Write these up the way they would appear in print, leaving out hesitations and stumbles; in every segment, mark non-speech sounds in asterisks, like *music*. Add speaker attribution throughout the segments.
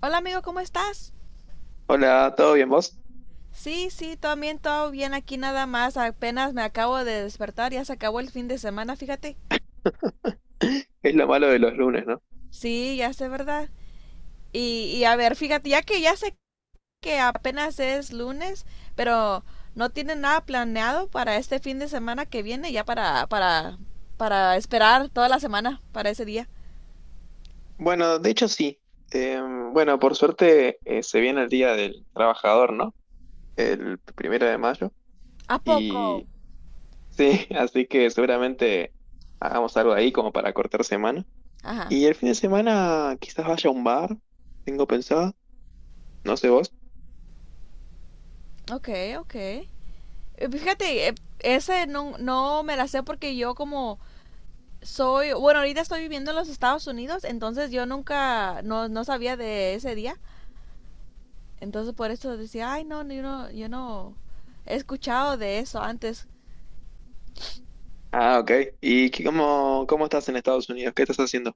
Speaker 1: Hola amigo, ¿cómo estás?
Speaker 2: Hola, ¿todo bien vos?
Speaker 1: Sí, sí, también todo bien aquí nada más. Apenas me acabo de despertar, ya se acabó el fin de semana, fíjate.
Speaker 2: *laughs* Es lo malo de los lunes, ¿no?
Speaker 1: Sí, ya sé, ¿verdad? Y a ver, fíjate, ya que ya sé que apenas es lunes, pero no tienen nada planeado para este fin de semana que viene, ya para esperar toda la semana para ese día.
Speaker 2: Bueno, de hecho sí. Eh, bueno, por suerte se viene el Día del Trabajador, ¿no? El primero de mayo.
Speaker 1: ¿A poco?
Speaker 2: Y sí, *laughs* así que seguramente hagamos algo ahí como para cortar semana.
Speaker 1: Ajá.
Speaker 2: Y el fin de semana quizás vaya a un bar, tengo pensado, no sé vos.
Speaker 1: Ok, ok. Fíjate, ese no me la sé porque yo como soy, bueno, ahorita estoy viviendo en los Estados Unidos, entonces yo nunca, no, no sabía de ese día. Entonces por eso decía, ay, no, no, yo no, yo no he escuchado de eso antes.
Speaker 2: Ah, ok. ¿Cómo estás en Estados Unidos? ¿Qué estás haciendo?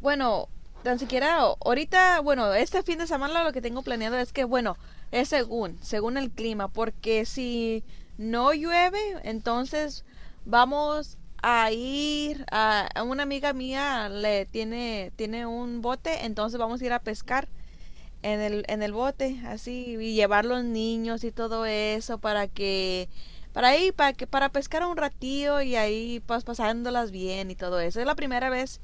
Speaker 1: Bueno, tan siquiera ahorita, bueno, este fin de semana lo que tengo planeado es que, bueno, es según el clima, porque si no llueve, entonces vamos a ir a una amiga mía le tiene un bote, entonces vamos a ir a pescar en el bote, así, y llevar los niños y todo eso para que, para ahí, para que, para pescar un ratío y ahí pues pasándolas bien y todo eso. Es la primera vez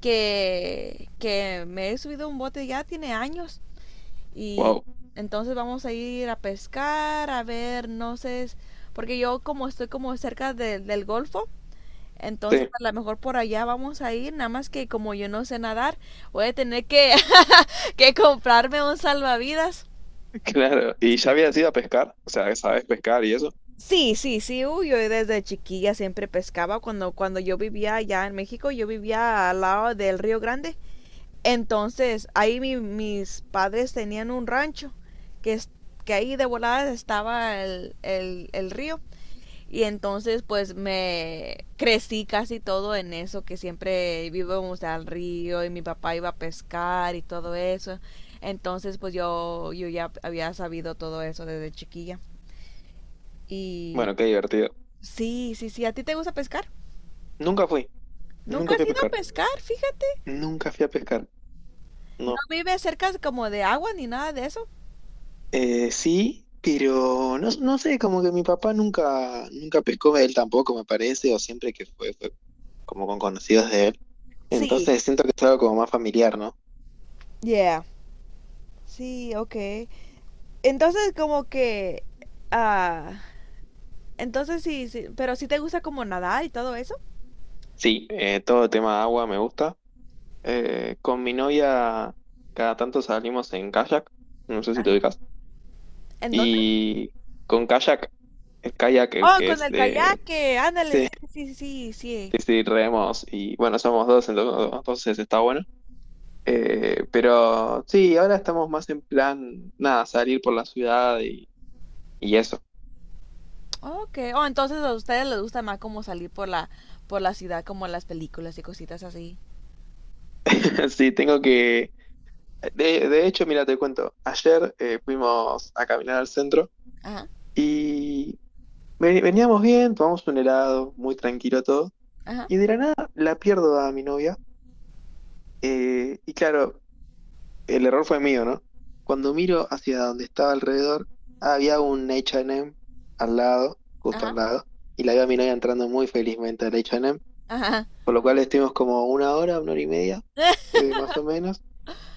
Speaker 1: que me he subido a un bote, ya tiene años. Y
Speaker 2: Wow.
Speaker 1: entonces vamos a ir a pescar, a ver, no sé, porque yo como estoy como cerca del golfo, entonces,
Speaker 2: Sí,
Speaker 1: a lo mejor por allá vamos a ir, nada más que como yo no sé nadar, voy a tener *laughs* que comprarme un salvavidas.
Speaker 2: *laughs* claro. ¿Y ya habías ido a pescar? O sea, ¿sabés pescar y eso?
Speaker 1: Sí, sí, sí, uy, yo desde chiquilla siempre pescaba cuando yo vivía allá en México, yo vivía al lado del Río Grande. Entonces, ahí mis padres tenían un rancho que, es- que ahí de voladas estaba el río. Y entonces pues me crecí casi todo en eso, que siempre vivimos al río y mi papá iba a pescar y todo eso. Entonces pues yo ya había sabido todo eso desde chiquilla. Y
Speaker 2: Bueno, qué divertido.
Speaker 1: sí, sí, sí, ¿a ti te gusta pescar?
Speaker 2: Nunca fui.
Speaker 1: Nunca
Speaker 2: Nunca fui
Speaker 1: has
Speaker 2: a
Speaker 1: ido a
Speaker 2: pescar.
Speaker 1: pescar, fíjate.
Speaker 2: Nunca fui a pescar.
Speaker 1: No
Speaker 2: No.
Speaker 1: vives cerca como de agua ni nada de eso.
Speaker 2: Sí, pero no, no sé, como que mi papá nunca pescó, él tampoco me parece, o siempre que fue como con conocidos de él.
Speaker 1: Sí,
Speaker 2: Entonces siento que es algo como más familiar, ¿no?
Speaker 1: yeah. Sí, ok. Entonces como que... ah, entonces sí, sí, pero sí te gusta como nadar y todo eso.
Speaker 2: Sí, todo el tema agua me gusta. Con mi novia cada tanto salimos en kayak, no sé si te ubicas.
Speaker 1: ¿En dónde?
Speaker 2: Y con kayak, el
Speaker 1: Oh,
Speaker 2: que
Speaker 1: con
Speaker 2: es
Speaker 1: el
Speaker 2: de...
Speaker 1: kayaque, ándale,
Speaker 2: Sí,
Speaker 1: sí, sí, sí, sí, sí.
Speaker 2: sí, sí, remos y bueno, somos dos, entonces está bueno. Pero sí, ahora estamos más en plan, nada, salir por la ciudad y eso.
Speaker 1: Ok, oh, entonces a ustedes les gusta más como salir por la ciudad, como las películas y cositas así.
Speaker 2: *laughs* Sí, tengo que... De hecho, mira, te cuento, ayer fuimos a caminar al centro
Speaker 1: Ajá,
Speaker 2: y veníamos bien, tomamos un helado, muy tranquilo todo,
Speaker 1: ajá,
Speaker 2: y de la nada la pierdo a mi novia. Y claro, el error fue mío, ¿no? Cuando miro hacia donde estaba alrededor, había un H&M al lado, justo al
Speaker 1: ajá,
Speaker 2: lado, y la veo a mi novia entrando muy felizmente al H&M.
Speaker 1: ajá.
Speaker 2: Por lo cual estuvimos como una hora y media, más o menos.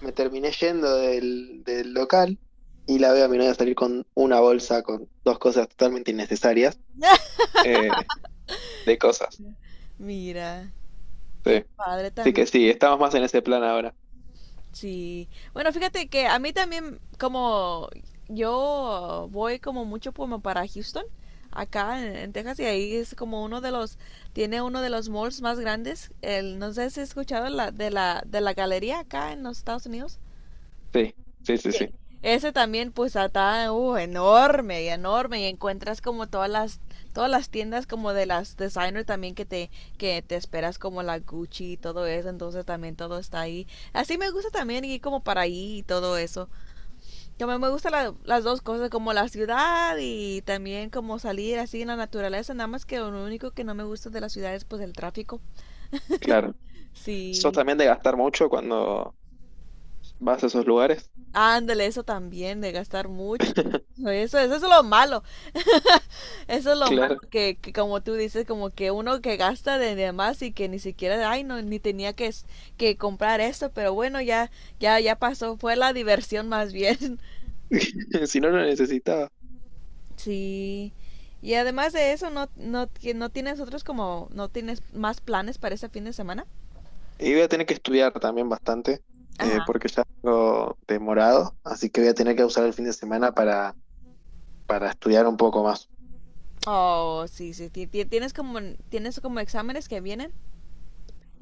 Speaker 2: Me terminé yendo del local y la veo a mi novia salir con una bolsa con dos cosas totalmente innecesarias
Speaker 1: *laughs*
Speaker 2: eh, de cosas.
Speaker 1: Mira, qué
Speaker 2: Sí.
Speaker 1: padre
Speaker 2: Sí
Speaker 1: tan...
Speaker 2: que sí, estamos más en ese plan ahora.
Speaker 1: Sí. Bueno, fíjate que a mí también, como yo voy como mucho como para Houston, acá en Texas, y ahí es como uno de los, tiene uno de los malls más grandes. El, no sé si has escuchado de la galería acá en los Estados Unidos.
Speaker 2: Sí, sí, sí, sí,
Speaker 1: Ese también, pues, está enorme y enorme. Y encuentras como todas las tiendas como de las designer también que te esperas como la Gucci y todo eso. Entonces también todo está ahí. Así me gusta también ir como para ahí y todo eso. También me gustan las dos cosas, como la ciudad y también como salir así en la naturaleza. Nada más que lo único que no me gusta de la ciudad es pues el tráfico.
Speaker 2: claro. ¿Sos
Speaker 1: Sí.
Speaker 2: también de gastar mucho cuando vas a esos lugares?
Speaker 1: Ándale, eso también, de gastar mucho.
Speaker 2: *laughs*
Speaker 1: Eso es lo malo. Eso es lo malo
Speaker 2: Claro.
Speaker 1: que como tú dices, como que uno que gasta de demás y que ni siquiera, ay, no, ni tenía que comprar esto, pero bueno, ya pasó, fue la diversión más bien. *laughs*
Speaker 2: *laughs* Si no, lo necesitaba.
Speaker 1: Sí. Y además de eso, ¿ no tienes otros como, no tienes más planes para este fin de semana?
Speaker 2: Y voy a tener que estudiar también bastante,
Speaker 1: Ajá.
Speaker 2: porque ya tengo demorado, así que voy a tener que usar el fin de semana para estudiar un poco más.
Speaker 1: Oh, sí, sí, tienes como exámenes que vienen.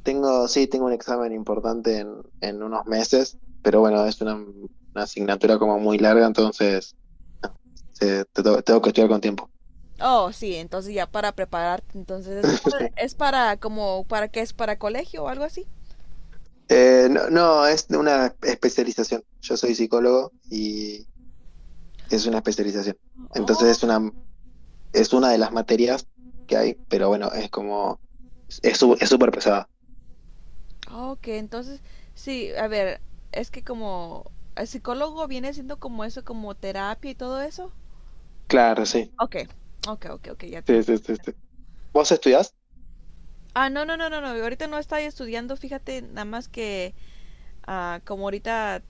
Speaker 2: Tengo, sí, tengo un examen importante en unos meses, pero bueno, es una asignatura como muy larga, entonces no, tengo, que estudiar con tiempo.
Speaker 1: Oh, sí, entonces ya para prepararte, entonces
Speaker 2: *laughs*
Speaker 1: es para como, ¿para qué es? ¿Para colegio o algo así?
Speaker 2: Sí. No, es una especialización. Yo soy psicólogo y es una especialización. Entonces es es una de las materias que hay, pero bueno, es como, es súper pesada.
Speaker 1: Ah, ok, entonces, sí, a ver, es que como el psicólogo viene siendo como eso, como terapia y todo eso.
Speaker 2: Claro, sí.
Speaker 1: Ok, ok, ya te...
Speaker 2: Sí, sí, sí, sí. ¿Vos estudiás?
Speaker 1: Ah, no, ahorita no estoy estudiando, fíjate, nada más que como ahorita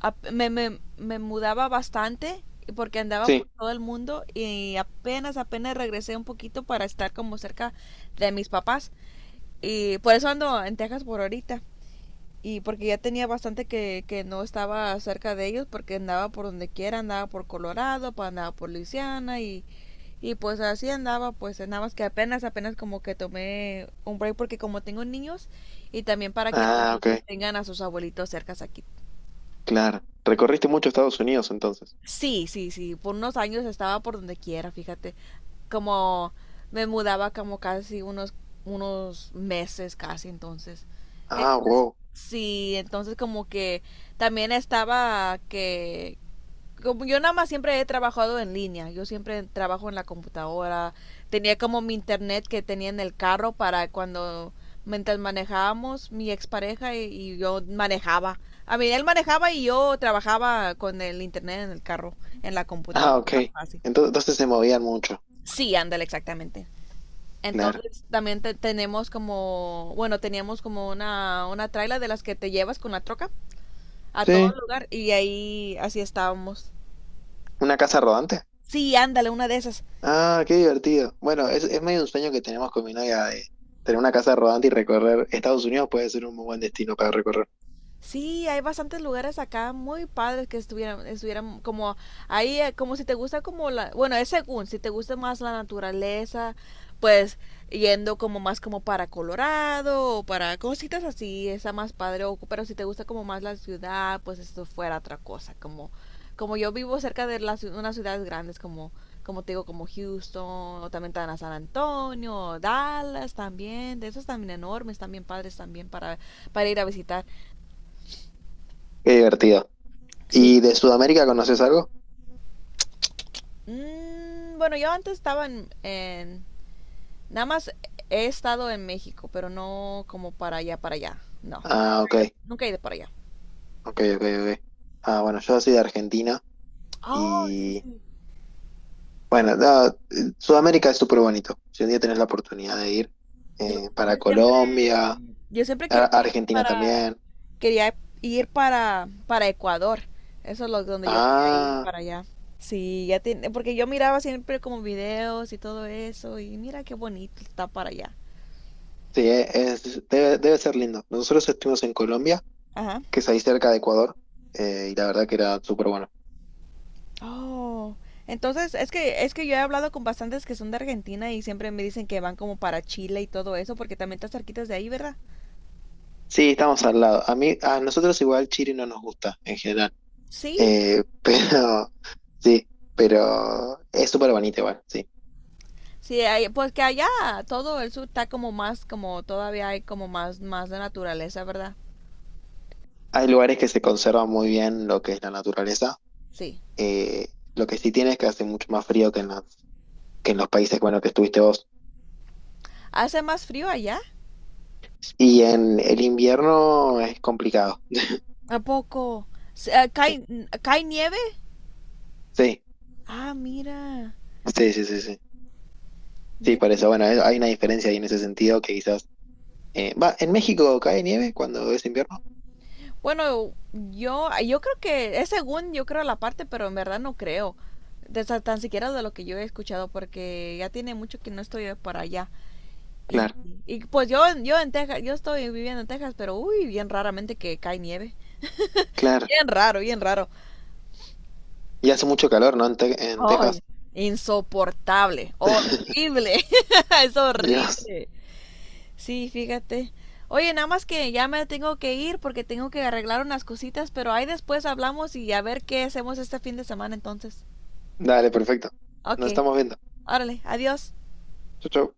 Speaker 1: me mudaba bastante y porque andaba
Speaker 2: Sí.
Speaker 1: por todo el mundo y apenas regresé un poquito para estar como cerca de mis papás y por eso ando en Texas por ahorita. Y porque ya tenía bastante que no estaba cerca de ellos porque andaba por donde quiera, andaba por Colorado, andaba por Luisiana y pues así andaba, pues nada más que apenas como que tomé un break porque como tengo niños y también para que los
Speaker 2: Ah,
Speaker 1: niños
Speaker 2: ok.
Speaker 1: tengan a sus abuelitos cercas aquí.
Speaker 2: Claro. Recorriste mucho Estados Unidos entonces.
Speaker 1: Sí, sí, sí, por unos años estaba por donde quiera, fíjate, como me mudaba como casi unos meses casi entonces.
Speaker 2: Ah, wow.
Speaker 1: Sí, entonces como que también estaba que como yo nada más siempre he trabajado en línea, yo siempre trabajo en la computadora, tenía como mi internet que tenía en el carro para cuando mientras manejábamos mi expareja y yo manejaba. A mí él manejaba y yo trabajaba con el internet en el carro, en la
Speaker 2: Ah,
Speaker 1: computadora,
Speaker 2: ok.
Speaker 1: más fácil.
Speaker 2: Entonces se movían mucho.
Speaker 1: Sí, ándale, exactamente.
Speaker 2: Claro.
Speaker 1: Entonces también tenemos como, bueno, teníamos como una traila de las que te llevas con la troca a todo
Speaker 2: Sí.
Speaker 1: lugar y ahí así estábamos.
Speaker 2: ¿Una casa rodante?
Speaker 1: Sí, ándale, una de esas.
Speaker 2: Ah, qué divertido. Bueno, es medio un sueño que tenemos con mi novia de tener una casa rodante y recorrer. Estados Unidos puede ser un muy buen destino para recorrer.
Speaker 1: Sí, hay bastantes lugares acá muy padres que estuvieran como ahí, como si te gusta como la, bueno, es según, si te gusta más la naturaleza, pues yendo como más como para Colorado o para cositas así, está más padre, o- pero si te gusta como más la ciudad, pues esto fuera otra cosa, como, como yo vivo cerca de las, unas ciudades grandes como, como te digo, como Houston, o también están a San Antonio, o Dallas también, de esos también enormes, también padres también para ir a visitar.
Speaker 2: Qué divertido.
Speaker 1: Sí.
Speaker 2: ¿Y de Sudamérica conoces algo?
Speaker 1: Mm, bueno, yo antes estaba nada más he estado en México, pero no como para allá, para allá. No. Nunca
Speaker 2: Ah, ok.
Speaker 1: he ido, nunca he ido para allá.
Speaker 2: Ok, ok, ok. Ah, bueno, yo soy de Argentina
Speaker 1: Oh, sí,
Speaker 2: y
Speaker 1: sí.
Speaker 2: bueno, no, Sudamérica es súper bonito. Si un día tenés la oportunidad de ir
Speaker 1: Yo,
Speaker 2: para
Speaker 1: yo siempre,
Speaker 2: Colombia.
Speaker 1: yo siempre
Speaker 2: A-
Speaker 1: quería ir
Speaker 2: Argentina
Speaker 1: para...
Speaker 2: también.
Speaker 1: Quería ir para Ecuador. Eso es lo, donde yo quería ir
Speaker 2: Ah,
Speaker 1: para allá. Sí, ya tiene, porque yo miraba siempre como videos y todo eso y mira qué bonito está para allá.
Speaker 2: sí, debe, debe ser lindo. Nosotros estuvimos en Colombia,
Speaker 1: Ajá.
Speaker 2: que es ahí cerca de Ecuador, y la verdad que era súper bueno.
Speaker 1: Oh, entonces es que yo he hablado con bastantes que son de Argentina y siempre me dicen que van como para Chile y todo eso porque también está cerquitas de ahí, ¿verdad?
Speaker 2: Sí, estamos al lado. A mí, a nosotros igual Chile no nos gusta en general.
Speaker 1: Sí,
Speaker 2: *laughs* Pero sí, pero es súper bonito igual, sí.
Speaker 1: sí, hay- pues que allá todo el sur está como más, como todavía hay como más, más de naturaleza, ¿verdad?
Speaker 2: Hay lugares que se conservan muy bien lo que es la naturaleza.
Speaker 1: Sí.
Speaker 2: Eh, lo que sí tiene es que hace mucho más frío que en que en los países, bueno, que estuviste vos.
Speaker 1: ¿Hace más frío allá?
Speaker 2: Y en el invierno es complicado.
Speaker 1: ¿A poco? Se- eh,
Speaker 2: Sí.
Speaker 1: ¿Cae, cae nieve?
Speaker 2: Sí,
Speaker 1: Ah, mira,
Speaker 2: sí, sí, sí, sí. Sí, por eso, bueno, hay una diferencia ahí en ese sentido que quizás... ¿en México cae nieve cuando es invierno?
Speaker 1: bueno, yo creo que es según yo creo la parte, pero en verdad no creo. De tan siquiera de lo que yo he escuchado, porque ya tiene mucho que no estoy por allá. Y,
Speaker 2: Claro,
Speaker 1: y pues yo en Texas, yo estoy viviendo en Texas, pero uy, bien raramente que cae nieve.
Speaker 2: claro.
Speaker 1: Bien raro, bien raro.
Speaker 2: Y hace mucho calor, ¿no? En
Speaker 1: Ay,
Speaker 2: Texas.
Speaker 1: insoportable,
Speaker 2: *laughs*
Speaker 1: horrible. *laughs* Es
Speaker 2: Dios.
Speaker 1: horrible. Sí, fíjate. Oye, nada más que ya me tengo que ir porque tengo que arreglar unas cositas, pero ahí después hablamos y a ver qué hacemos este fin de semana entonces.
Speaker 2: Dale, perfecto. Nos
Speaker 1: Ok,
Speaker 2: estamos viendo.
Speaker 1: órale, adiós.
Speaker 2: Chau, chau.